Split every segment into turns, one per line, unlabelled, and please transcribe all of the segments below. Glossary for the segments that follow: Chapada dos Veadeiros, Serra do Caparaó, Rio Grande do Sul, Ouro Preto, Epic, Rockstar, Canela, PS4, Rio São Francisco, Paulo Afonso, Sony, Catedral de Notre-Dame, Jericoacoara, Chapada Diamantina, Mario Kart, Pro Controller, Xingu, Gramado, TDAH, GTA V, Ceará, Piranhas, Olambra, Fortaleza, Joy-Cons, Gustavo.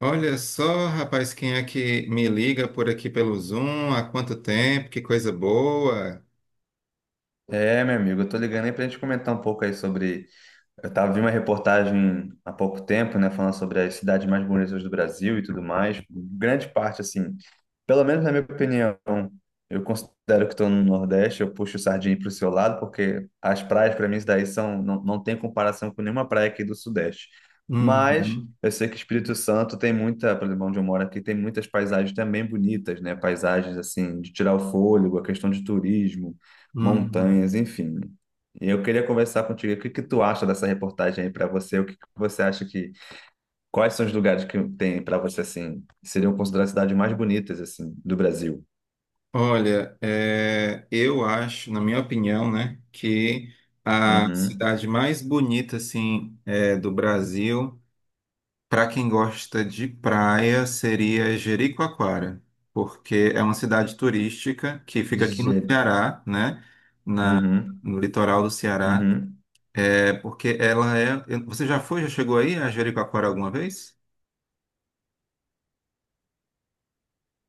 Olha só, rapaz, quem é que me liga por aqui pelo Zoom? Há quanto tempo? Que coisa boa!
É, meu amigo, eu tô ligando aí pra gente comentar um pouco aí sobre. Eu tava vi uma reportagem há pouco tempo, né, falando sobre as cidades mais bonitas do Brasil e tudo mais. Grande parte, assim, pelo menos na minha opinião, eu considero que estou no Nordeste, eu puxo sardinha para o seu lado, porque as praias para mim isso daí são, não, não tem comparação com nenhuma praia aqui do Sudeste. Mas
Uhum,
eu sei que Espírito Santo tem muita, por exemplo, onde eu moro aqui, tem muitas paisagens também bonitas, né? Paisagens assim, de tirar o fôlego, a questão de turismo,
uhum.
montanhas, enfim. E eu queria conversar contigo, o que que tu acha dessa reportagem aí para você? O que que você acha que quais são os lugares que tem para você assim, que seriam consideradas cidades mais bonitas assim do Brasil?
Olha, eu acho, na minha opinião, né, que a
Uhum.
cidade mais bonita, assim, do Brasil, para quem gosta de praia, seria Jericoacoara, porque é uma cidade turística que fica aqui no
Je...
Ceará, né, na,
Uhum.
no litoral do Ceará.
Uhum.
É porque ela é. Você já foi, já chegou aí a Jericoacoara alguma vez?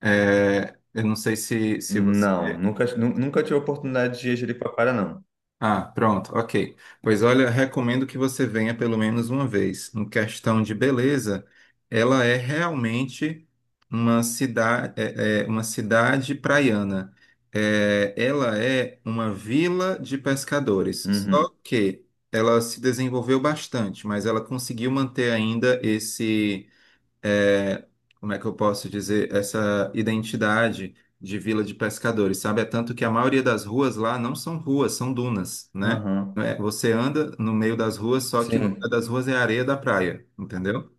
É, eu não sei se você.
Não, nunca tive a oportunidade de ir a Jericoacoara não.
Ah, pronto, ok. Pois olha, recomendo que você venha pelo menos uma vez. Em questão de beleza, ela é realmente uma cidade, é uma cidade praiana. É, ela é uma vila de pescadores.
Uhum.
Só que ela se desenvolveu bastante, mas ela conseguiu manter ainda esse é, como é que eu posso dizer, essa identidade de vila de pescadores, sabe? É tanto que a maioria das ruas lá não são ruas, são dunas, né?
Uhum.
Você anda no meio das ruas, só que no meio
Sim.
das ruas é areia da praia, entendeu?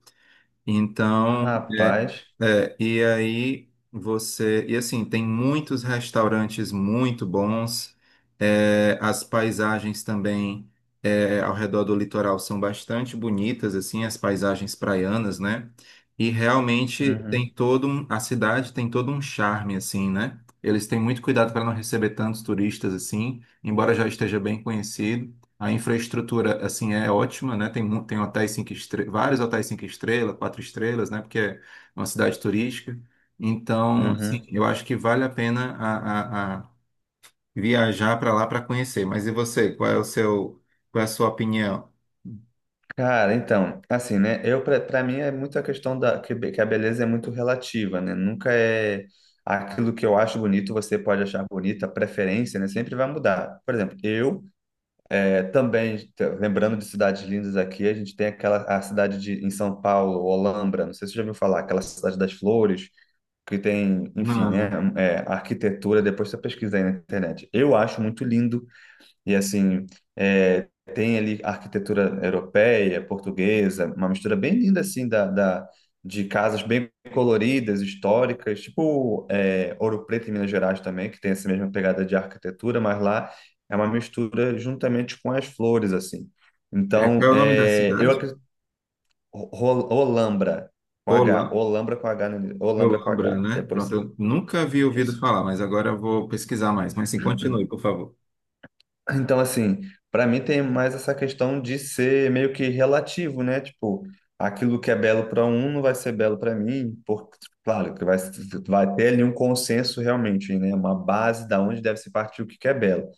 Então,
Rapaz.
e aí você. E assim, tem muitos restaurantes muito bons, as paisagens também ao redor do litoral são bastante bonitas, assim, as paisagens praianas, né? E realmente tem
Uhum.
todo um, a cidade tem todo um charme, assim, né? Eles têm muito cuidado para não receber tantos turistas assim, embora já esteja bem conhecido. A infraestrutura, assim, é ótima, né? Tem, tem hotéis cinco estrelas, vários hotéis cinco estrelas, quatro estrelas, né? Porque é uma cidade turística. Então, assim,
Uhum.
eu acho que vale a pena a viajar para lá para conhecer. Mas e você? Qual é o seu, qual é a sua opinião?
Cara, então, assim, né? Eu para para mim é muito a questão da que, be- que a beleza é muito relativa, né? Nunca é aquilo que eu acho bonito, você pode achar bonita, a preferência, né? Sempre vai mudar. Por exemplo, eu é, também, t- lembrando de cidades lindas aqui, a gente tem aquela a cidade de, em São Paulo, Olambra, não sei se você já ouviu falar, aquela cidade das flores, que tem, enfim, né,
Não.
é, arquitetura, depois você pesquisa aí na internet. Eu acho muito lindo e assim, é, tem ali arquitetura europeia, portuguesa, uma mistura bem linda assim de casas bem coloridas, históricas, tipo é, Ouro Preto em Minas Gerais também, que tem essa mesma pegada de arquitetura, mas lá é uma mistura juntamente com as flores assim.
É,
Então,
qual é o nome da
é, eu
cidade?
acredito Ro- Ro- Olambra
Olam-
Olambra com H, no- Olambra com
Olambra,
H.
né?
Depois
Pronto,
você,
eu nunca havia ouvido
isso.
falar, mas agora eu vou pesquisar mais. Mas sim, continue, por favor.
Então, assim, para mim tem mais essa questão de ser meio que relativo, né? Tipo, aquilo que é belo para um não vai ser belo para mim, porque, claro, que vai, vai ter ali um consenso realmente, né? Uma base da onde deve se partir o que que é belo.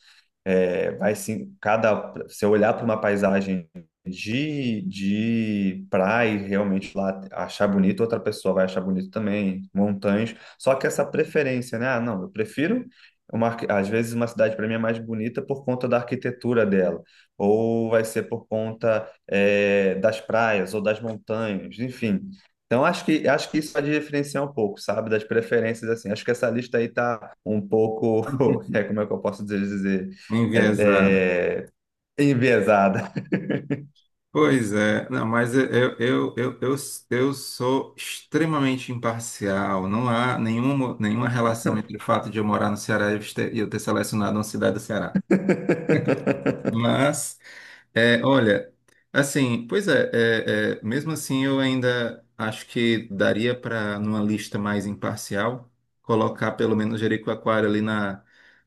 É, vai sim, cada, se eu olhar para uma paisagem de praia, e realmente lá achar bonito, outra pessoa vai achar bonito também, montanhas. Só que essa preferência, né? Ah, não, eu prefiro uma, arqui- às vezes uma cidade para mim é mais bonita por conta da arquitetura dela, ou vai ser por conta, é, das praias ou das montanhas, enfim. Então, acho que isso pode diferenciar um pouco, sabe, das preferências, assim. Acho que essa lista aí tá um pouco, é, como é que eu posso dizer?
Enviesada.
É, é enviesada.
Pois é, não, mas eu sou extremamente imparcial. Não há nenhuma, nenhuma relação entre o fato de eu morar no Ceará e eu ter selecionado uma cidade do Ceará. Mas é, olha, assim, pois é, mesmo assim eu ainda acho que daria para, numa lista mais imparcial, colocar pelo menos Jericoacoara ali na,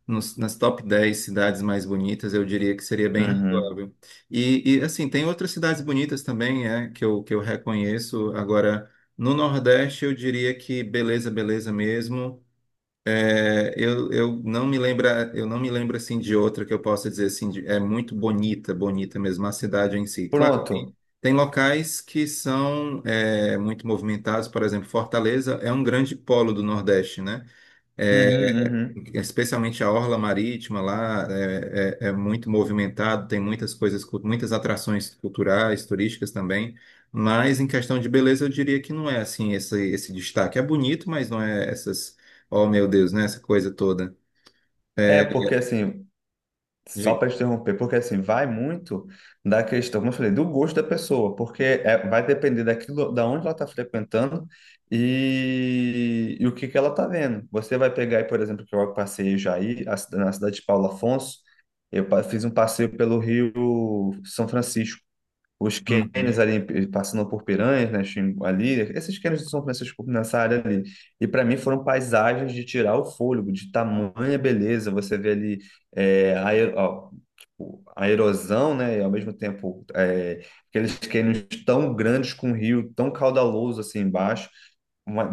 nos- nas top 10 cidades mais bonitas, eu diria que seria bem
Uhum.
razoável. E, assim, tem outras cidades bonitas também, é, que eu reconheço. Agora, no Nordeste eu diria que beleza, beleza mesmo. Eu não me lembro, eu não me lembro assim de outra que eu possa dizer assim, é muito bonita, bonita mesmo a cidade em si. Claro, tem,
Pronto.
tem locais que são muito movimentados, por exemplo, Fortaleza é um grande polo do Nordeste, né? É,
Uhum, uhum.
especialmente a orla marítima lá é muito movimentado, tem muitas coisas, muitas atrações culturais, turísticas também. Mas em questão de beleza, eu diria que não é assim esse, esse destaque. É bonito, mas não é essas Oh, meu Deus, né? Essa coisa toda.
É,
É,
porque assim, só
de-
para interromper, porque assim, vai muito da questão, como eu falei, do gosto da pessoa, porque é- vai depender daquilo, da onde ela está frequentando e, o que que ela está vendo. Você vai pegar aí, por exemplo, que eu passei já aí, a cida- na cidade de Paulo Afonso, eu pa- fiz um passeio pelo Rio São Francisco. Os
Uhum,
cânions ali passando por Piranhas, né, Xingu- ali, esses cânions são nessa área ali. E para mim foram paisagens de tirar o fôlego, de tamanha beleza. Você vê ali é, a, ero- ó, o- a erosão, né, e ao mesmo tempo é, aqueles cânions tão grandes com um rio tão caudaloso assim embaixo. Uma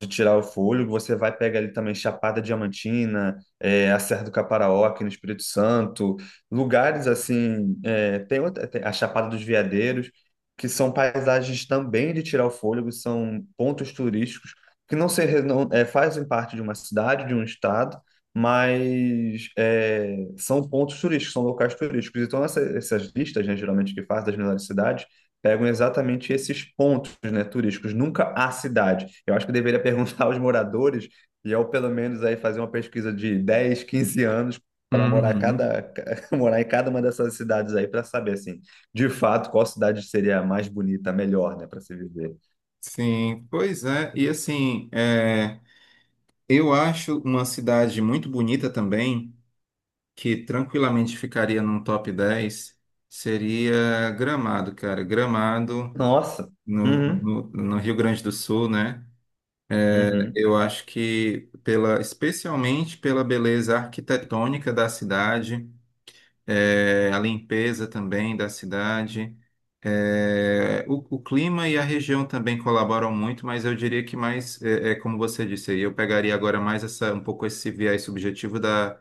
de tirar o fôlego, você vai pegar ali também Chapada Diamantina, é, a Serra do Caparaó, aqui no Espírito Santo, lugares assim, é, tem, outra- tem a Chapada dos Veadeiros, que são paisagens também de tirar o fôlego, são pontos turísticos que não, se, re- não é, fazem parte de uma cidade, de um estado, mas é, são pontos turísticos, são locais turísticos. Então, essa- essas listas, né, geralmente que faz das melhores cidades, pegam exatamente esses pontos, né, turísticos, nunca a cidade. Eu acho que eu deveria perguntar aos moradores, e eu pelo menos aí fazer uma pesquisa de 10 15 anos para morar
uhum.
cada morar em cada uma dessas cidades aí para saber assim, de fato, qual cidade seria a mais bonita, a melhor, né, para se viver.
Sim, pois é. E assim, eu acho uma cidade muito bonita também, que tranquilamente ficaria num top 10 seria Gramado, cara. Gramado,
Nossa.
no,
Uhum,
no, no Rio Grande do Sul, né?
uhum,
Eu acho que pela, especialmente pela beleza arquitetônica da cidade, a limpeza também da cidade. O clima e a região também colaboram muito, mas eu diria que mais, é como você disse, aí eu pegaria agora mais essa, um pouco esse viés subjetivo da,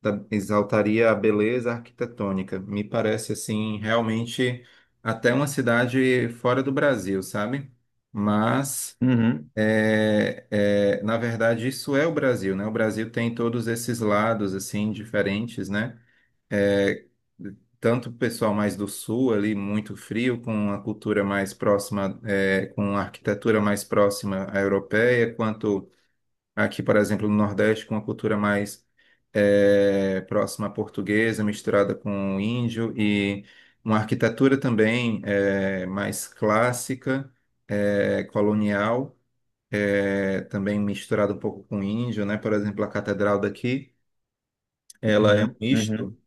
da- exaltaria a beleza arquitetônica. Me parece, assim, realmente até uma cidade fora do Brasil, sabe? Mas...
uhum,
É, é, na verdade, isso é o Brasil, né? O Brasil tem todos esses lados assim diferentes, né? É, tanto o pessoal mais do sul ali, muito frio, com a cultura mais próxima, é, com a arquitetura mais próxima à europeia, quanto aqui, por exemplo, no Nordeste, com a cultura mais próxima à portuguesa, misturada com o índio, e uma arquitetura também mais clássica, colonial, também misturada um pouco com o índio, né? Por exemplo, a catedral daqui, ela é um
uhum, uhum,
misto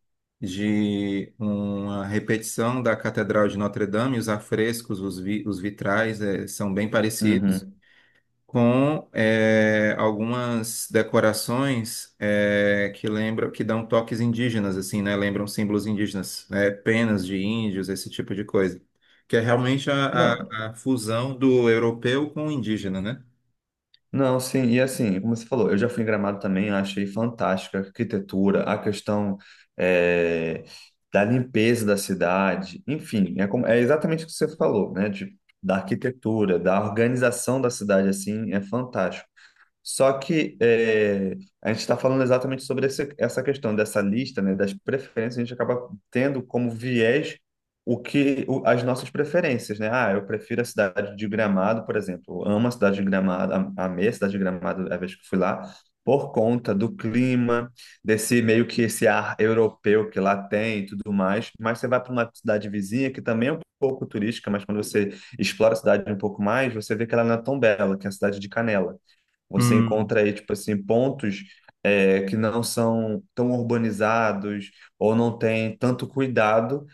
de uma repetição da Catedral de Notre-Dame, os afrescos, os vitrais são bem parecidos,
uhum.
com algumas decorações que lembram, que dão toques indígenas, assim, né? Lembram símbolos indígenas, né? Penas de índios, esse tipo de coisa. Que é realmente a,
Não,
a- a fusão do europeu com o indígena, né?
Não, sim, e assim, como você falou, eu já fui em Gramado também, achei fantástica a arquitetura, a questão eh, da limpeza da cidade, enfim, é, como- é exatamente o que você falou, né? De, da arquitetura, da organização da cidade, assim, é fantástico. Só que é, a gente está falando exatamente sobre esse- essa questão dessa lista, né, das preferências, a gente acaba tendo como viés o que o- as nossas preferências, né? Ah, eu prefiro a cidade de Gramado, por exemplo. Eu amo a cidade de Gramado, am- amei a cidade de Gramado a vez que fui lá, por conta do clima, desse meio que esse ar europeu que lá tem e tudo mais. Mas você vai para uma cidade vizinha que também é um pouco turística, mas quando você explora a cidade um pouco mais, você vê que ela não é tão bela, que é a cidade de Canela. Você
Hum,
encontra aí, tipo assim, pontos é, que não são tão urbanizados ou não tem tanto cuidado,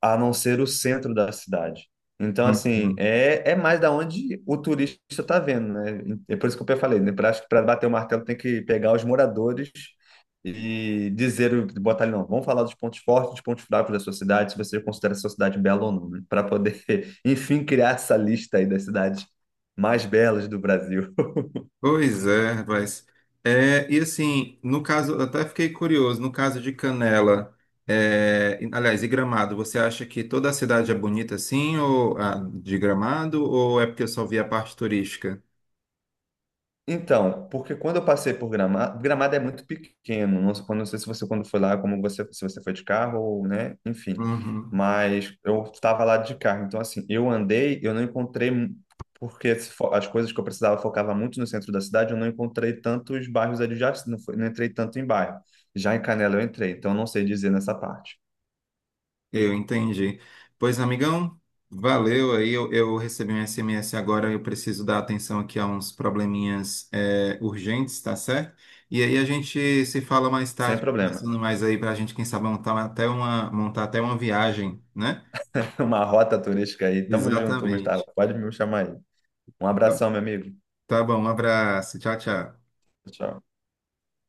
a não ser o centro da cidade. Então,
hum,
assim,
hum.
é, é mais da onde o turista está vendo, né? É por isso que eu falei, né? Pra- acho que para bater o martelo tem que pegar os moradores e dizer, o- botar ali, não, vamos falar dos pontos fortes, dos pontos fracos da sua cidade, se você considera a sua cidade bela ou não, né? Para poder, enfim, criar essa lista aí das cidades mais belas do Brasil.
Pois é, rapaz. É, e assim, no caso, eu até fiquei curioso, no caso de Canela, é, aliás, e Gramado, você acha que toda a cidade é bonita assim, ou ah, de Gramado, ou é porque eu só vi a parte turística?
Então, porque quando eu passei por Gramado, Gramado é muito pequeno, não sei, não sei se você quando foi lá, como você, se você foi de carro, ou, né, enfim,
Uhum.
mas eu estava lá de carro, então assim, eu andei, eu não encontrei, porque se fo- as coisas que eu precisava focava muito no centro da cidade, eu não encontrei tantos bairros adjacentes, não, foi- não entrei tanto em bairro, já em Canela eu entrei, então não sei dizer nessa parte,
Eu entendi. Pois, amigão, valeu aí. Eu recebi um SMS agora, eu preciso dar atenção aqui a uns probleminhas é, urgentes, tá certo? E aí a gente se fala mais
sem
tarde,
problema,
conversando mais aí pra gente, quem sabe, montar até uma viagem, né?
uma rota turística aí, tamo junto, Gustavo,
Exatamente.
pode me chamar aí, um
Tá
abração, meu amigo,
tá bom, um abraço. Tchau, tchau.
tchau.